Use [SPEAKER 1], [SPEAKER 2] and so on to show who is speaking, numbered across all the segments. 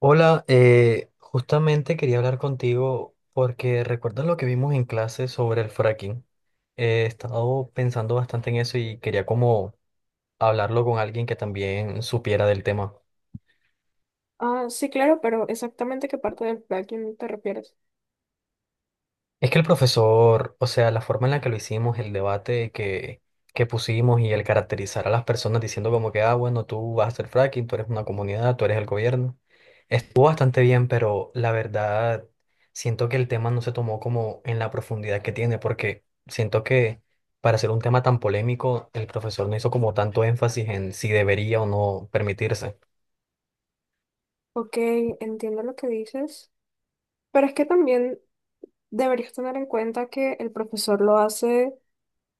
[SPEAKER 1] Hola, justamente quería hablar contigo porque recuerdas lo que vimos en clase sobre el fracking. He estado pensando bastante en eso y quería como hablarlo con alguien que también supiera del tema.
[SPEAKER 2] Ah, sí, claro, pero exactamente qué parte del plugin te refieres.
[SPEAKER 1] Es que el profesor, o sea, la forma en la que lo hicimos, el debate que pusimos y el caracterizar a las personas diciendo como que, ah, bueno, tú vas a hacer fracking, tú eres una comunidad, tú eres el gobierno, estuvo bastante bien, pero la verdad siento que el tema no se tomó como en la profundidad que tiene, porque siento que para ser un tema tan polémico, el profesor no hizo como tanto énfasis en si debería o no permitirse.
[SPEAKER 2] Ok, entiendo lo que dices, pero es que también deberías tener en cuenta que el profesor lo hace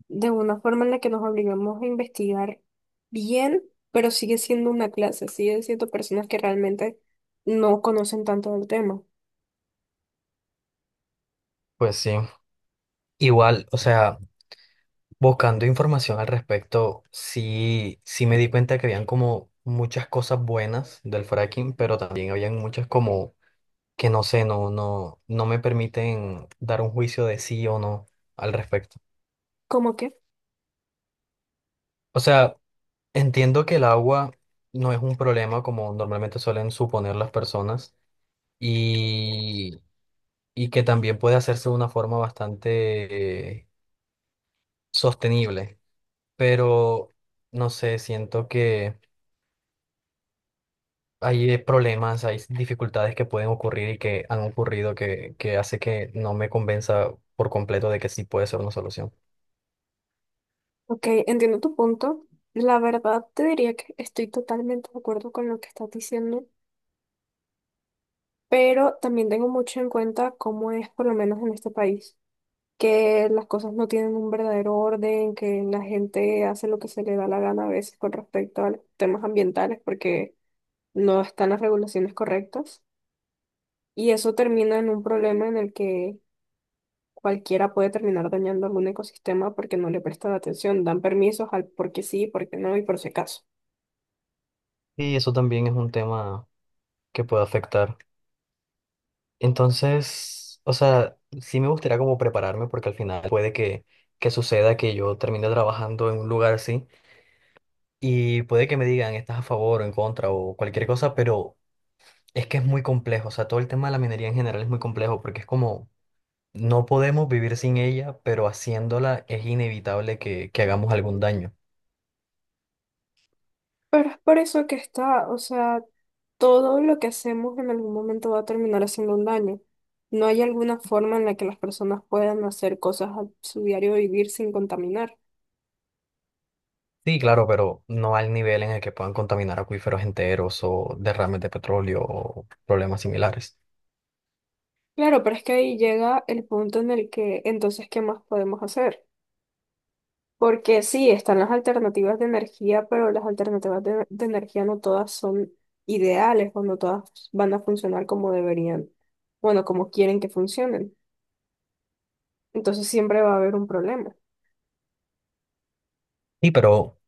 [SPEAKER 2] de una forma en la que nos obligamos a investigar bien, pero sigue siendo una clase, sigue siendo personas que realmente no conocen tanto del tema.
[SPEAKER 1] Pues sí. Igual, o sea, buscando información al respecto, sí, sí me di cuenta que habían como muchas cosas buenas del fracking, pero también habían muchas como que no sé, no me permiten dar un juicio de sí o no al respecto.
[SPEAKER 2] ¿Cómo que?
[SPEAKER 1] O sea, entiendo que el agua no es un problema como normalmente suelen suponer las personas y, y que también puede hacerse de una forma bastante sostenible, pero no sé, siento que hay problemas, hay dificultades que pueden ocurrir y que han ocurrido que hace que no me convenza por completo de que sí puede ser una solución.
[SPEAKER 2] Ok, entiendo tu punto. La verdad te diría que estoy totalmente de acuerdo con lo que estás diciendo, pero también tengo mucho en cuenta cómo es por lo menos en este país, que las cosas no tienen un verdadero orden, que la gente hace lo que se le da la gana a veces con respecto a los temas ambientales porque no están las regulaciones correctas. Y eso termina en un problema en el que cualquiera puede terminar dañando algún ecosistema porque no le prestan atención, dan permisos al porque sí, porque no y por si acaso.
[SPEAKER 1] Y eso también es un tema que puede afectar. Entonces, o sea, sí me gustaría como prepararme porque al final puede que suceda que yo termine trabajando en un lugar así y puede que me digan estás a favor o en contra o cualquier cosa, pero es que es muy complejo. O sea, todo el tema de la minería en general es muy complejo porque es como no podemos vivir sin ella, pero haciéndola es inevitable que hagamos algún daño.
[SPEAKER 2] Pero es por eso que está, o sea, todo lo que hacemos en algún momento va a terminar haciendo un daño. No hay alguna forma en la que las personas puedan hacer cosas a su diario vivir sin contaminar.
[SPEAKER 1] Sí, claro, pero no al nivel en el que puedan contaminar acuíferos enteros o derrames de petróleo o problemas similares.
[SPEAKER 2] Claro, pero es que ahí llega el punto en el que entonces, ¿qué más podemos hacer? Porque sí, están las alternativas de energía, pero las alternativas de energía no todas son ideales o no todas van a funcionar como deberían, bueno, como quieren que funcionen. Entonces siempre va a haber un problema.
[SPEAKER 1] Y pero,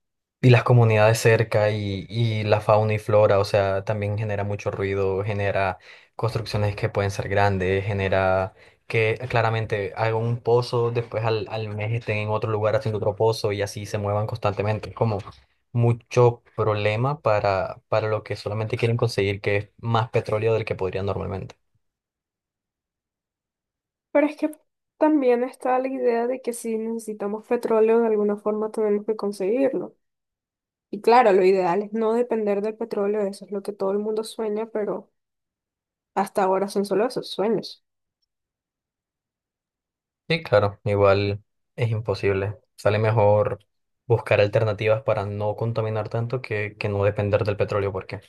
[SPEAKER 1] y las comunidades cerca y la fauna y flora, o sea, también genera mucho ruido, genera construcciones que pueden ser grandes, genera que claramente hagan un pozo, después al mes estén en otro lugar haciendo otro pozo y así se muevan constantemente. Es como mucho problema para lo que solamente quieren conseguir, que es más petróleo del que podrían normalmente.
[SPEAKER 2] Pero es que también está la idea de que si necesitamos petróleo de alguna forma tenemos que conseguirlo. Y claro, lo ideal es no depender del petróleo, eso es lo que todo el mundo sueña, pero hasta ahora son solo esos sueños.
[SPEAKER 1] Sí, claro, igual es imposible. Sale mejor buscar alternativas para no contaminar tanto que no depender del petróleo, porque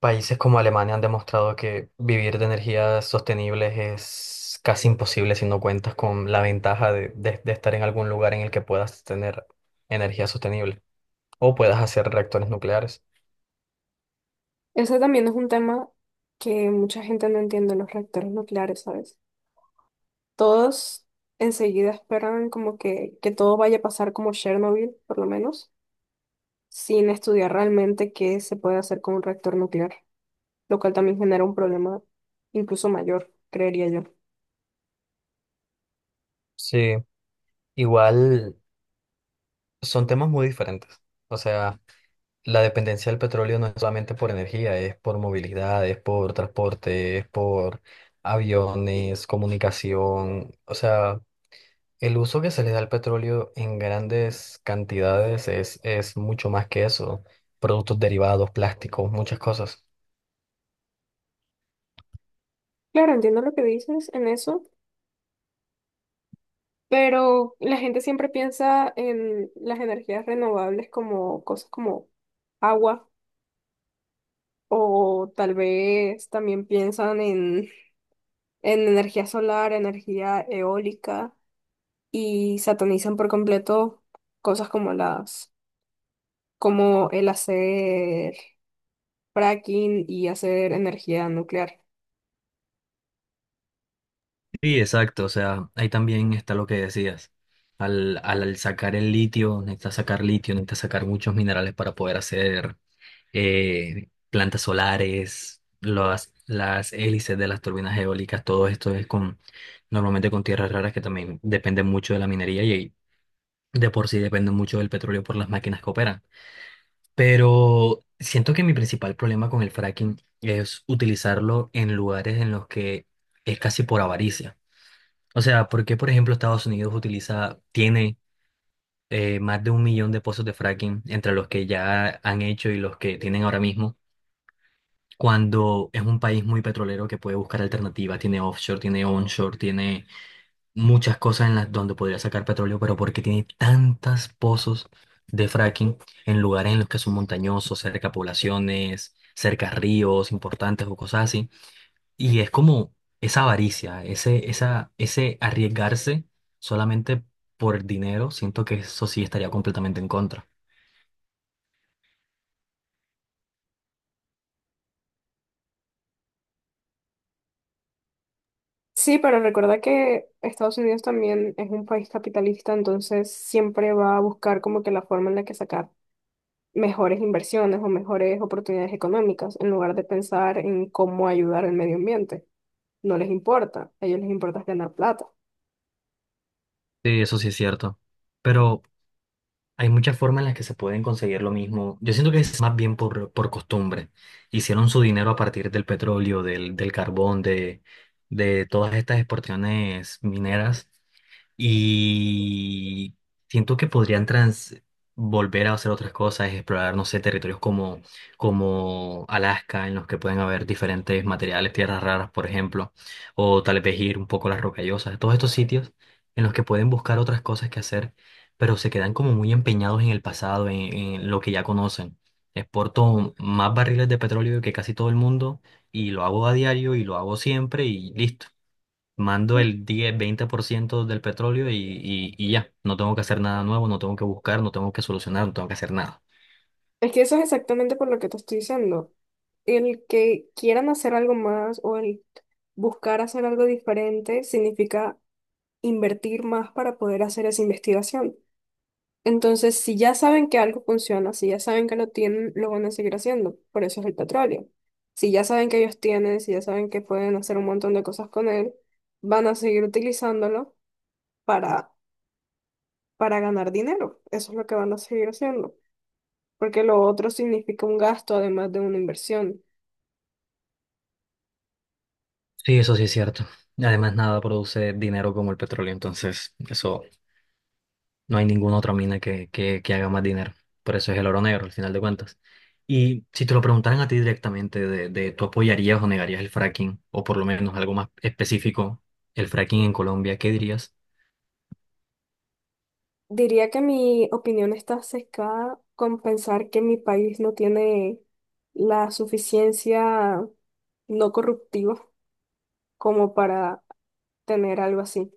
[SPEAKER 1] países como Alemania han demostrado que vivir de energías sostenibles es casi imposible si no cuentas con la ventaja de estar en algún lugar en el que puedas tener energía sostenible o puedas hacer reactores nucleares.
[SPEAKER 2] Ese también es un tema que mucha gente no entiende, los reactores nucleares, ¿sabes? Todos enseguida esperan como que todo vaya a pasar como Chernobyl, por lo menos, sin estudiar realmente qué se puede hacer con un reactor nuclear, lo cual también genera un problema incluso mayor, creería yo.
[SPEAKER 1] Sí, igual son temas muy diferentes. O sea, la dependencia del petróleo no es solamente por energía, es por movilidad, es por transporte, es por aviones, comunicación. O sea, el uso que se le da al petróleo en grandes cantidades es mucho más que eso. Productos derivados, plásticos, muchas cosas.
[SPEAKER 2] Claro, entiendo lo que dices en eso, pero la gente siempre piensa en las energías renovables como cosas como agua o tal vez también piensan en energía solar, energía eólica y satanizan por completo cosas como las, como el hacer fracking y hacer energía nuclear.
[SPEAKER 1] Sí, exacto. O sea, ahí también está lo que decías. Al sacar el litio, necesitas sacar muchos minerales para poder hacer plantas solares, las hélices de las turbinas eólicas, todo esto es con normalmente con tierras raras que también dependen mucho de la minería y de por sí dependen mucho del petróleo por las máquinas que operan. Pero siento que mi principal problema con el fracking es utilizarlo en lugares en los que es casi por avaricia. O sea, ¿por qué, por ejemplo, Estados Unidos utiliza, tiene más de un millón de pozos de fracking entre los que ya han hecho y los que tienen ahora mismo, cuando es un país muy petrolero que puede buscar alternativas, tiene offshore, tiene onshore, tiene muchas cosas en las donde podría sacar petróleo, pero porque tiene tantos pozos de fracking en lugares en los que son montañosos, cerca a poblaciones, cerca a ríos importantes o cosas así? Y es como esa avaricia, ese arriesgarse solamente por dinero, siento que eso sí estaría completamente en contra.
[SPEAKER 2] Sí, pero recuerda que Estados Unidos también es un país capitalista, entonces siempre va a buscar como que la forma en la que sacar mejores inversiones o mejores oportunidades económicas, en lugar de pensar en cómo ayudar al medio ambiente. No les importa, a ellos les importa es ganar plata.
[SPEAKER 1] Sí, eso sí es cierto. Pero hay muchas formas en las que se pueden conseguir lo mismo. Yo siento que es más bien por costumbre. Hicieron su dinero a partir del petróleo, del carbón, de todas estas exportaciones mineras. Y siento que podrían trans volver a hacer otras cosas, explorar, no sé, territorios como, como Alaska, en los que pueden haber diferentes materiales, tierras raras, por ejemplo, o tal vez ir un poco a las rocallosas, todos estos sitios en los que pueden buscar otras cosas que hacer, pero se quedan como muy empeñados en el pasado, en lo que ya conocen. Exporto más barriles de petróleo que casi todo el mundo y lo hago a diario y lo hago siempre y listo. Mando el 10-20% del petróleo y ya, no tengo que hacer nada nuevo, no tengo que buscar, no tengo que solucionar, no tengo que hacer nada.
[SPEAKER 2] Es que eso es exactamente por lo que te estoy diciendo. El que quieran hacer algo más o el buscar hacer algo diferente significa invertir más para poder hacer esa investigación. Entonces, si ya saben que algo funciona, si ya saben que lo tienen, lo van a seguir haciendo. Por eso es el petróleo. Si ya saben que ellos tienen, si ya saben que pueden hacer un montón de cosas con él, van a seguir utilizándolo para, para ganar dinero. Eso es lo que van a seguir haciendo. Porque lo otro significa un gasto además de una inversión.
[SPEAKER 1] Sí, eso sí es cierto. Además, nada produce dinero como el petróleo, entonces eso no hay ninguna otra mina que haga más dinero. Por eso es el oro negro, al final de cuentas. Y si te lo preguntaran a ti directamente de tú apoyarías o negarías el fracking, o por lo menos algo más específico, el fracking en Colombia, ¿qué dirías?
[SPEAKER 2] Diría que mi opinión está sesgada con pensar que mi país no tiene la suficiencia no corruptiva como para tener algo así.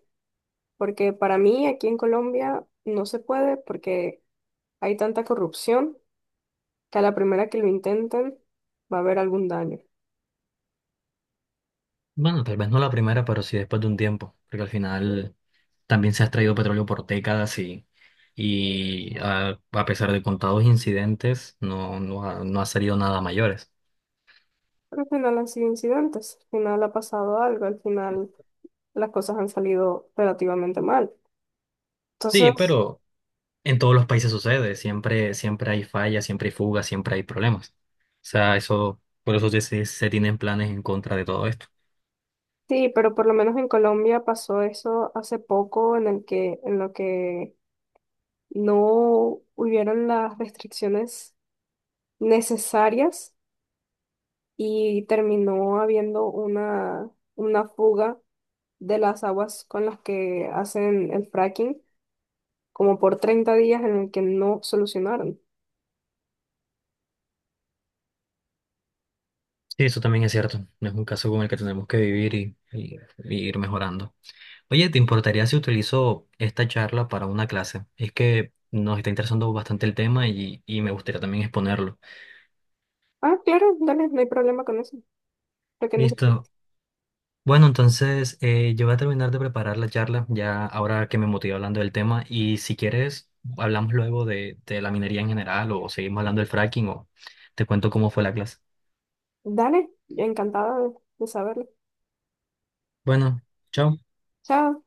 [SPEAKER 2] Porque para mí aquí en Colombia no se puede porque hay tanta corrupción que a la primera que lo intenten va a haber algún daño.
[SPEAKER 1] Bueno, tal vez no la primera, pero sí después de un tiempo, porque al final también se ha extraído petróleo por décadas y, a pesar de contados incidentes, no ha salido nada mayores.
[SPEAKER 2] Pero al final han sido incidentes, al final ha pasado algo, al final las cosas han salido relativamente mal.
[SPEAKER 1] Sí,
[SPEAKER 2] Entonces,
[SPEAKER 1] pero en todos los países sucede, siempre, siempre hay fallas, siempre hay fugas, siempre hay problemas. O sea, eso, por eso se tienen planes en contra de todo esto.
[SPEAKER 2] sí, pero por lo menos en Colombia pasó eso hace poco en el que, en lo que no hubieron las restricciones necesarias y terminó habiendo una fuga de las aguas con las que hacen el fracking, como por 30 días en el que no solucionaron.
[SPEAKER 1] Sí, eso también es cierto. No es un caso con el que tenemos que vivir y ir mejorando. Oye, ¿te importaría si utilizo esta charla para una clase? Es que nos está interesando bastante el tema y me gustaría también exponerlo.
[SPEAKER 2] Ah, claro, dale, no hay problema con eso, lo que
[SPEAKER 1] Listo.
[SPEAKER 2] necesites.
[SPEAKER 1] Bueno, entonces yo voy a terminar de preparar la charla ya ahora que me motivé hablando del tema y si quieres hablamos luego de la minería en general o seguimos hablando del fracking o te cuento cómo fue la clase.
[SPEAKER 2] Dale, encantada de saberlo.
[SPEAKER 1] Bueno, chao.
[SPEAKER 2] Chao.